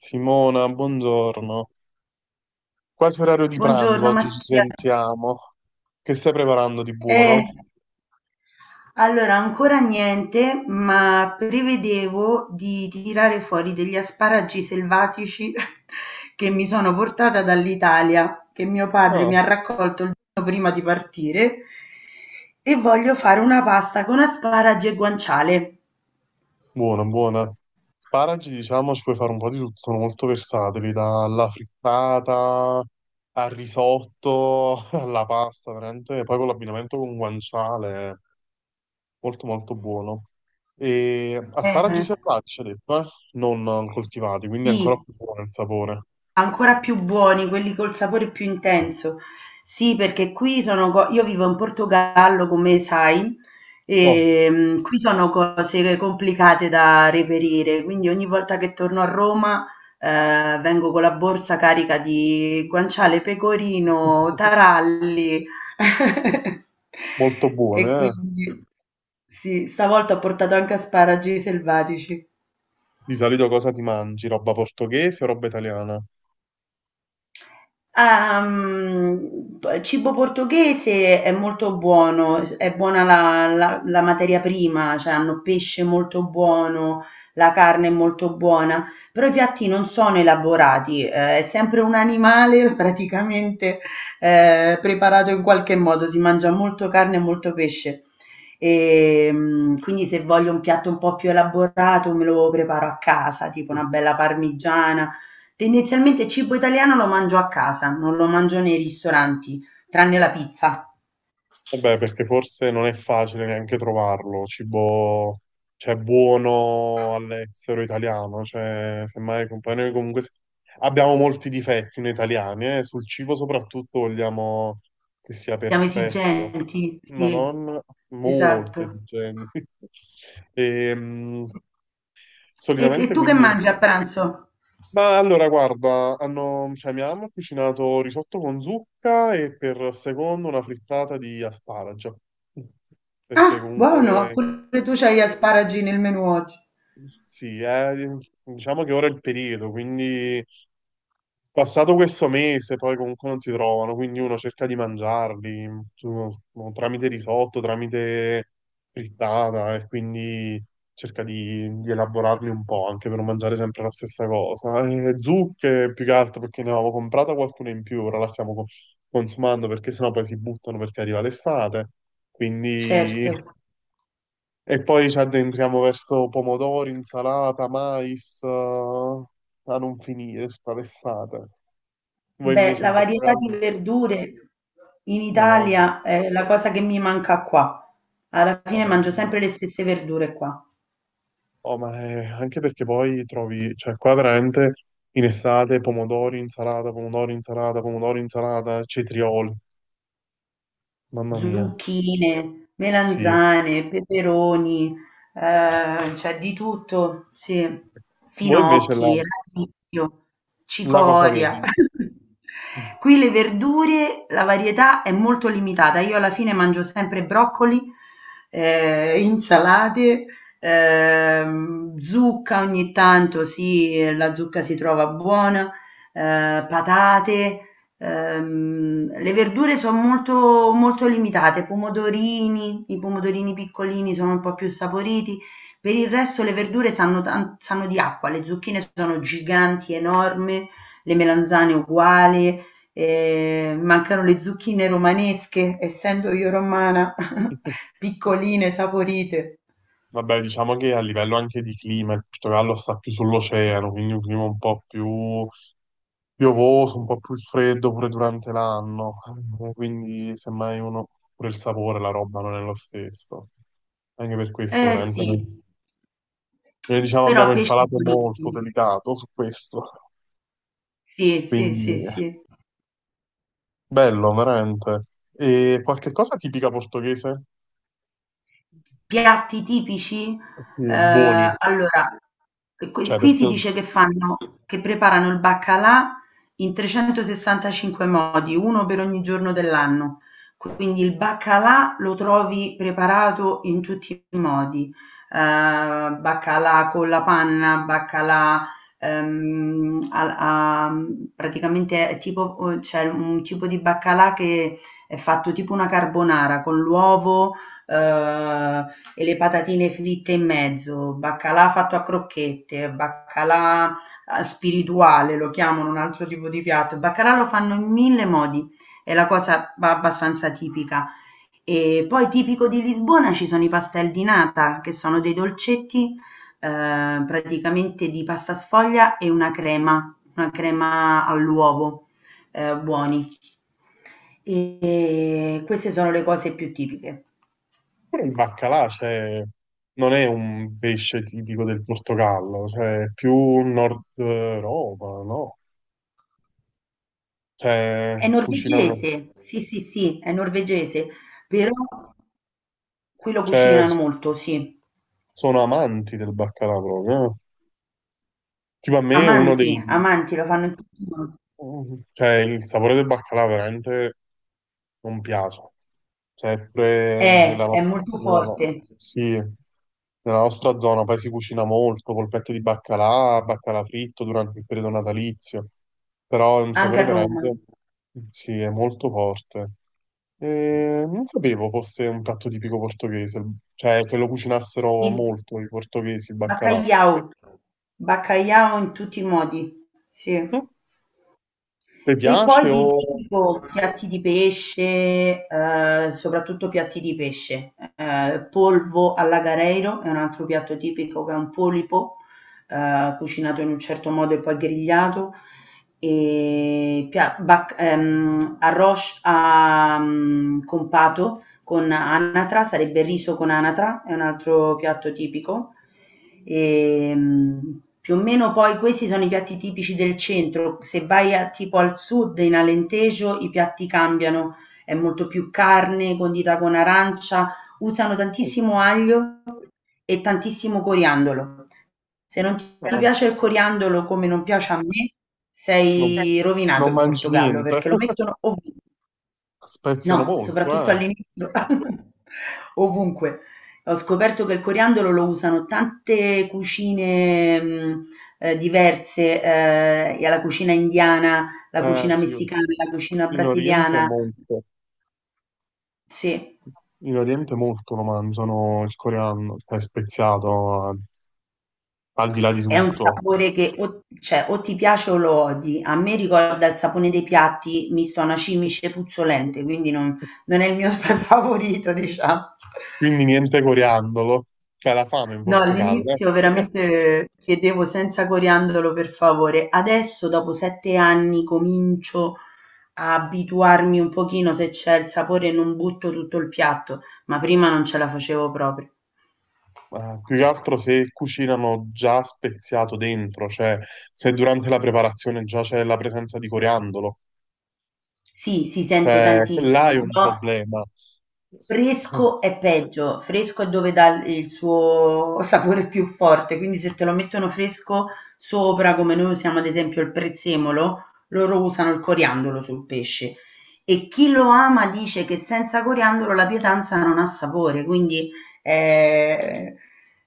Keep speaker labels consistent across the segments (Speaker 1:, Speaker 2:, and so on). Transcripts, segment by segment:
Speaker 1: Simona, buongiorno. Quasi orario di pranzo,
Speaker 2: Buongiorno
Speaker 1: oggi ci
Speaker 2: Mattia.
Speaker 1: sentiamo. Che stai preparando di
Speaker 2: Eh,
Speaker 1: buono?
Speaker 2: allora, ancora niente, ma prevedevo di tirare fuori degli asparagi selvatici che mi sono portata dall'Italia, che mio padre
Speaker 1: Ah,
Speaker 2: mi ha raccolto il giorno prima di partire, e voglio fare una pasta con asparagi e guanciale.
Speaker 1: buona, buona. Sparagi, diciamo, ci puoi fare un po' di tutto, sono molto versatili, dalla frittata al risotto, alla pasta, veramente. Poi con l'abbinamento con guanciale, molto molto buono. E
Speaker 2: Eh,
Speaker 1: asparagi selvatici, ci ha detto, eh? Non coltivati, quindi è ancora
Speaker 2: Sì,
Speaker 1: più buono il sapore.
Speaker 2: ancora più buoni, quelli col sapore più intenso. Sì, perché qui sono io vivo in Portogallo, come sai,
Speaker 1: Ottimo.
Speaker 2: e qui sono cose complicate da reperire, quindi ogni volta che torno a Roma vengo con la borsa carica di guanciale, pecorino, taralli.
Speaker 1: Molto buone,
Speaker 2: E
Speaker 1: eh?
Speaker 2: quindi sì, stavolta ho portato anche asparagi selvatici.
Speaker 1: Di solito cosa ti mangi? Roba portoghese o roba italiana?
Speaker 2: Ah, mhmm, p cibo portoghese è molto buono, s è buona la materia prima, cioè hanno pesce molto buono, la carne è molto buona, però i piatti non sono elaborati, è sempre un animale praticamente, preparato in qualche modo, si mangia molto carne e molto pesce. Quindi se voglio un piatto un po' più elaborato me lo preparo a casa, tipo una bella parmigiana. Tendenzialmente il cibo italiano lo mangio a casa, non lo mangio nei ristoranti, tranne la pizza.
Speaker 1: Vabbè, perché forse non è facile neanche trovarlo, cibo, cioè, buono all'estero italiano, cioè, semmai poi noi comunque abbiamo molti difetti noi italiani, sul cibo soprattutto vogliamo che sia
Speaker 2: Siamo
Speaker 1: perfetto,
Speaker 2: esigenti,
Speaker 1: ma
Speaker 2: sì,
Speaker 1: non molto
Speaker 2: esatto.
Speaker 1: esigenti. Ehm,
Speaker 2: E
Speaker 1: solitamente
Speaker 2: tu che
Speaker 1: quindi
Speaker 2: mangi a pranzo?
Speaker 1: ma allora, guarda, hanno, cioè, mia mamma ha cucinato risotto con zucca e per secondo una frittata di asparagi.
Speaker 2: Ah,
Speaker 1: Perché
Speaker 2: buono,
Speaker 1: comunque,
Speaker 2: pure tu c'hai gli asparagi nel menù oggi.
Speaker 1: sì, diciamo che ora è il periodo, quindi passato questo mese, poi comunque non si trovano, quindi uno cerca di mangiarli boh, tramite risotto, tramite frittata e quindi cerca di elaborarli un po' anche per non mangiare sempre la stessa cosa. E zucche più che altro perché ne avevamo comprata qualcuna in più, ora la stiamo consumando perché sennò poi si buttano perché arriva l'estate. Quindi...
Speaker 2: Certo,
Speaker 1: e poi ci addentriamo verso pomodori, insalata, mais, a non finire tutta l'estate. Voi
Speaker 2: beh,
Speaker 1: invece
Speaker 2: la
Speaker 1: in
Speaker 2: varietà di
Speaker 1: Portogallo?
Speaker 2: verdure in
Speaker 1: Madonna,
Speaker 2: Italia è la cosa che mi manca qua. Alla
Speaker 1: oh,
Speaker 2: fine
Speaker 1: ma,
Speaker 2: mangio sempre le stesse verdure qua.
Speaker 1: oh, ma anche perché poi trovi, cioè qua veramente in estate pomodori, insalata, pomodori, insalata, pomodori, insalata, cetrioli, mamma mia,
Speaker 2: Zucchine,
Speaker 1: sì.
Speaker 2: melanzane, peperoni, c'è di tutto, sì.
Speaker 1: Voi invece la,
Speaker 2: Finocchi, radicchio,
Speaker 1: la cosa
Speaker 2: cicoria.
Speaker 1: avete?
Speaker 2: Qui le verdure, la varietà è molto limitata. Io alla fine mangio sempre broccoli, insalate, zucca ogni tanto, sì, la zucca si trova buona, patate. Le verdure sono molto, molto limitate, pomodorini, i pomodorini piccolini sono un po' più saporiti, per il resto le verdure sanno, sanno di acqua, le zucchine sono giganti, enormi, le melanzane uguali, mancano le zucchine romanesche, essendo io romana, piccoline, saporite.
Speaker 1: Vabbè, diciamo che a livello anche di clima, il Portogallo sta più sull'oceano, quindi un clima un po' più piovoso, un po' più freddo pure durante l'anno, quindi semmai uno pure il sapore, la roba non è lo stesso. Anche per questo,
Speaker 2: Eh
Speaker 1: veramente, noi,
Speaker 2: sì,
Speaker 1: noi, diciamo abbiamo
Speaker 2: però
Speaker 1: il
Speaker 2: pesce
Speaker 1: palato molto
Speaker 2: buonissimo.
Speaker 1: delicato su questo,
Speaker 2: Sì, sì,
Speaker 1: quindi
Speaker 2: sì, sì.
Speaker 1: bello, veramente. E qualche cosa tipica portoghese?
Speaker 2: Piatti tipici?
Speaker 1: Sì, buoni,
Speaker 2: Allora, qui
Speaker 1: cioè per
Speaker 2: qui si
Speaker 1: te,
Speaker 2: dice che fanno che preparano il baccalà in 365 modi, uno per ogni giorno dell'anno. Quindi il baccalà lo trovi preparato in tutti i modi, baccalà con la panna, baccalà, praticamente è tipo c'è un tipo di baccalà che è fatto tipo una carbonara con l'uovo, e le patatine fritte in mezzo, baccalà fatto a crocchette, baccalà, spirituale lo chiamano un altro tipo di piatto. Il baccalà lo fanno in mille modi, è la cosa ba abbastanza tipica. E poi tipico di Lisbona ci sono i pastel di nata, che sono dei dolcetti, praticamente di pasta sfoglia e una crema all'uovo, buoni. E queste sono le cose più tipiche.
Speaker 1: pure il baccalà, cioè, non è un pesce tipico del Portogallo, cioè è più Nord Europa, no? Cioè,
Speaker 2: È
Speaker 1: cucinano,
Speaker 2: norvegese, sì, sì, sì, è norvegese, però qui lo
Speaker 1: cioè
Speaker 2: cucinano molto, sì.
Speaker 1: sono amanti del baccalà proprio. Eh. Tipo a me uno
Speaker 2: Amanti,
Speaker 1: dei...
Speaker 2: amanti, lo fanno in tutti i modi.
Speaker 1: cioè il sapore del baccalà veramente non piace. Sempre
Speaker 2: È,
Speaker 1: nella,
Speaker 2: è molto
Speaker 1: nella no-
Speaker 2: forte,
Speaker 1: sì, nella nostra zona poi si cucina molto, polpette di baccalà, baccalà fritto durante il periodo natalizio, però è un
Speaker 2: anche
Speaker 1: sapore
Speaker 2: a Roma.
Speaker 1: veramente... sì, è molto forte. E non sapevo fosse un piatto tipico portoghese, cioè che lo cucinassero
Speaker 2: Sì.
Speaker 1: molto i portoghesi il baccalà.
Speaker 2: Baccaiau, baccaiau in tutti i modi, sì.
Speaker 1: Hm? Ti
Speaker 2: E
Speaker 1: piace
Speaker 2: poi
Speaker 1: o
Speaker 2: di tipo piatti di pesce, soprattutto piatti di pesce, polvo all'agareiro è un altro piatto tipico che è un polipo, cucinato in un certo modo e poi grigliato, e arroz a, con pato, con anatra, sarebbe il riso con anatra, è un altro piatto tipico. E, più o meno poi questi sono i piatti tipici del centro, se vai tipo al sud, in Alentejo, i piatti cambiano, è molto più carne condita con arancia, usano
Speaker 1: eh,
Speaker 2: tantissimo aglio e tantissimo coriandolo. Se non ti
Speaker 1: no,
Speaker 2: piace il coriandolo come non piace a me,
Speaker 1: non, grazie.
Speaker 2: sei rovinato
Speaker 1: Non
Speaker 2: in
Speaker 1: mangi
Speaker 2: Portogallo
Speaker 1: niente?
Speaker 2: perché lo mettono ovunque.
Speaker 1: Speziano
Speaker 2: No,
Speaker 1: molto,
Speaker 2: soprattutto all'inizio, ovunque. Ho scoperto che il coriandolo lo usano tante cucine, mhmm, diverse, e alla cucina indiana, la
Speaker 1: eh? Eh
Speaker 2: cucina
Speaker 1: sì,
Speaker 2: messicana, la cucina
Speaker 1: in Oriente è
Speaker 2: brasiliana.
Speaker 1: molto.
Speaker 2: Sì,
Speaker 1: In Oriente molto lo mangiano il coreano, cioè speziato al di là di
Speaker 2: è un
Speaker 1: tutto.
Speaker 2: sapore che o ti piace o lo odi. A me ricorda il sapone dei piatti misto a una cimice puzzolente, quindi non non è il mio favorito, diciamo.
Speaker 1: Quindi niente coriandolo, c'è la fame in
Speaker 2: No,
Speaker 1: Portogallo. Eh.
Speaker 2: all'inizio veramente chiedevo senza coriandolo per favore. Adesso, dopo 7 anni, comincio a abituarmi un pochino, se c'è il sapore non butto tutto il piatto, ma prima non ce la facevo proprio.
Speaker 1: Più che altro se cucinano già speziato dentro, cioè se durante la preparazione già c'è la presenza di coriandolo,
Speaker 2: Sì, si sente
Speaker 1: cioè là è
Speaker 2: tantissimo,
Speaker 1: un
Speaker 2: però
Speaker 1: problema.
Speaker 2: fresco è peggio, fresco è dove dà il suo sapore più forte, quindi se te lo mettono fresco sopra, come noi usiamo ad esempio il prezzemolo, loro usano il coriandolo sul pesce. E chi lo ama dice che senza coriandolo la pietanza non ha sapore, quindi è,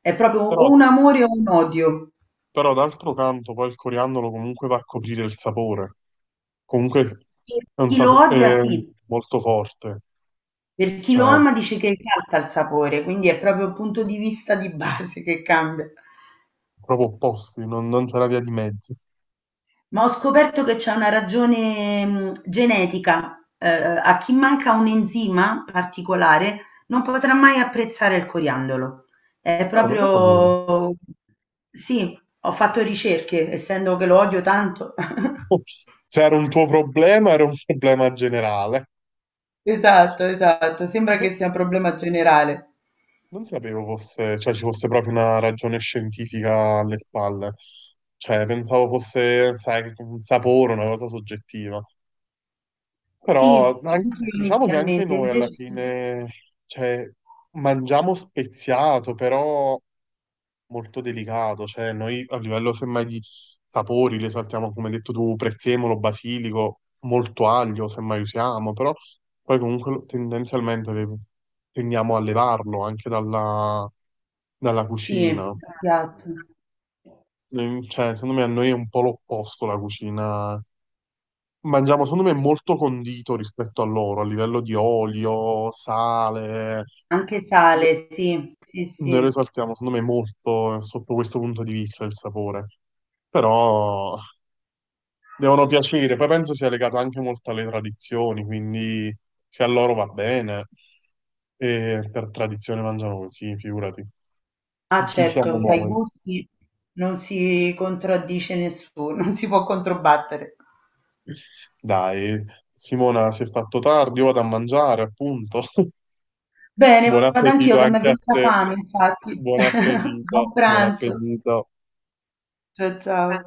Speaker 2: è proprio
Speaker 1: Però,
Speaker 2: o un amore o un odio.
Speaker 1: però d'altro canto poi il coriandolo comunque va a coprire il sapore, comunque
Speaker 2: Per
Speaker 1: è un
Speaker 2: chi lo odia
Speaker 1: sapore
Speaker 2: sì,
Speaker 1: molto forte,
Speaker 2: per chi lo
Speaker 1: cioè
Speaker 2: ama dice che esalta il sapore, quindi è proprio il punto di vista di base che cambia.
Speaker 1: proprio opposti, non, non c'era via di mezzo.
Speaker 2: Ma ho scoperto che c'è una ragione genetica. A chi manca un enzima particolare non potrà mai apprezzare il coriandolo. È
Speaker 1: No, non lo sapevo.
Speaker 2: proprio... Sì, ho fatto ricerche, essendo che lo odio tanto.
Speaker 1: Se era un tuo problema, era un problema generale.
Speaker 2: Esatto, esatto. Sembra che
Speaker 1: Non,
Speaker 2: sia un problema generale.
Speaker 1: non sapevo fosse, cioè, ci fosse proprio una ragione scientifica alle spalle. Cioè, pensavo fosse, sai, un sapore, una cosa soggettiva. Però
Speaker 2: Sì, anche io
Speaker 1: diciamo che anche
Speaker 2: inizialmente,
Speaker 1: noi alla
Speaker 2: invece
Speaker 1: fine, cioè, mangiamo speziato, però molto delicato, cioè noi a livello semmai di sapori le saltiamo, come hai detto tu, prezzemolo, basilico, molto aglio semmai usiamo, però poi comunque tendenzialmente tendiamo a levarlo anche dalla, dalla
Speaker 2: sì,
Speaker 1: cucina.
Speaker 2: piatto.
Speaker 1: Mm, cioè, secondo me a noi è un po' l'opposto la cucina. Mangiamo, secondo me, molto condito rispetto a loro, a livello di olio, sale.
Speaker 2: Anche sale, sì, sì,
Speaker 1: Noi
Speaker 2: sì.
Speaker 1: risaltiamo, secondo me, molto sotto questo punto di vista il sapore. Però devono piacere. Poi penso sia legato anche molto alle tradizioni, quindi se a loro va bene, e per tradizione mangiano così, figurati.
Speaker 2: Ah
Speaker 1: Chi siamo
Speaker 2: certo, ai
Speaker 1: noi?
Speaker 2: gusti non si contraddice nessuno, non si può controbattere.
Speaker 1: Dai, Simona si è fatto tardi, io vado a mangiare, appunto.
Speaker 2: Bene,
Speaker 1: Buon
Speaker 2: vado anch'io
Speaker 1: appetito
Speaker 2: che mi è
Speaker 1: anche a
Speaker 2: venuta
Speaker 1: te.
Speaker 2: fame, infatti.
Speaker 1: Buon appetito,
Speaker 2: Buon
Speaker 1: buon
Speaker 2: pranzo.
Speaker 1: appetito.
Speaker 2: Ciao ciao.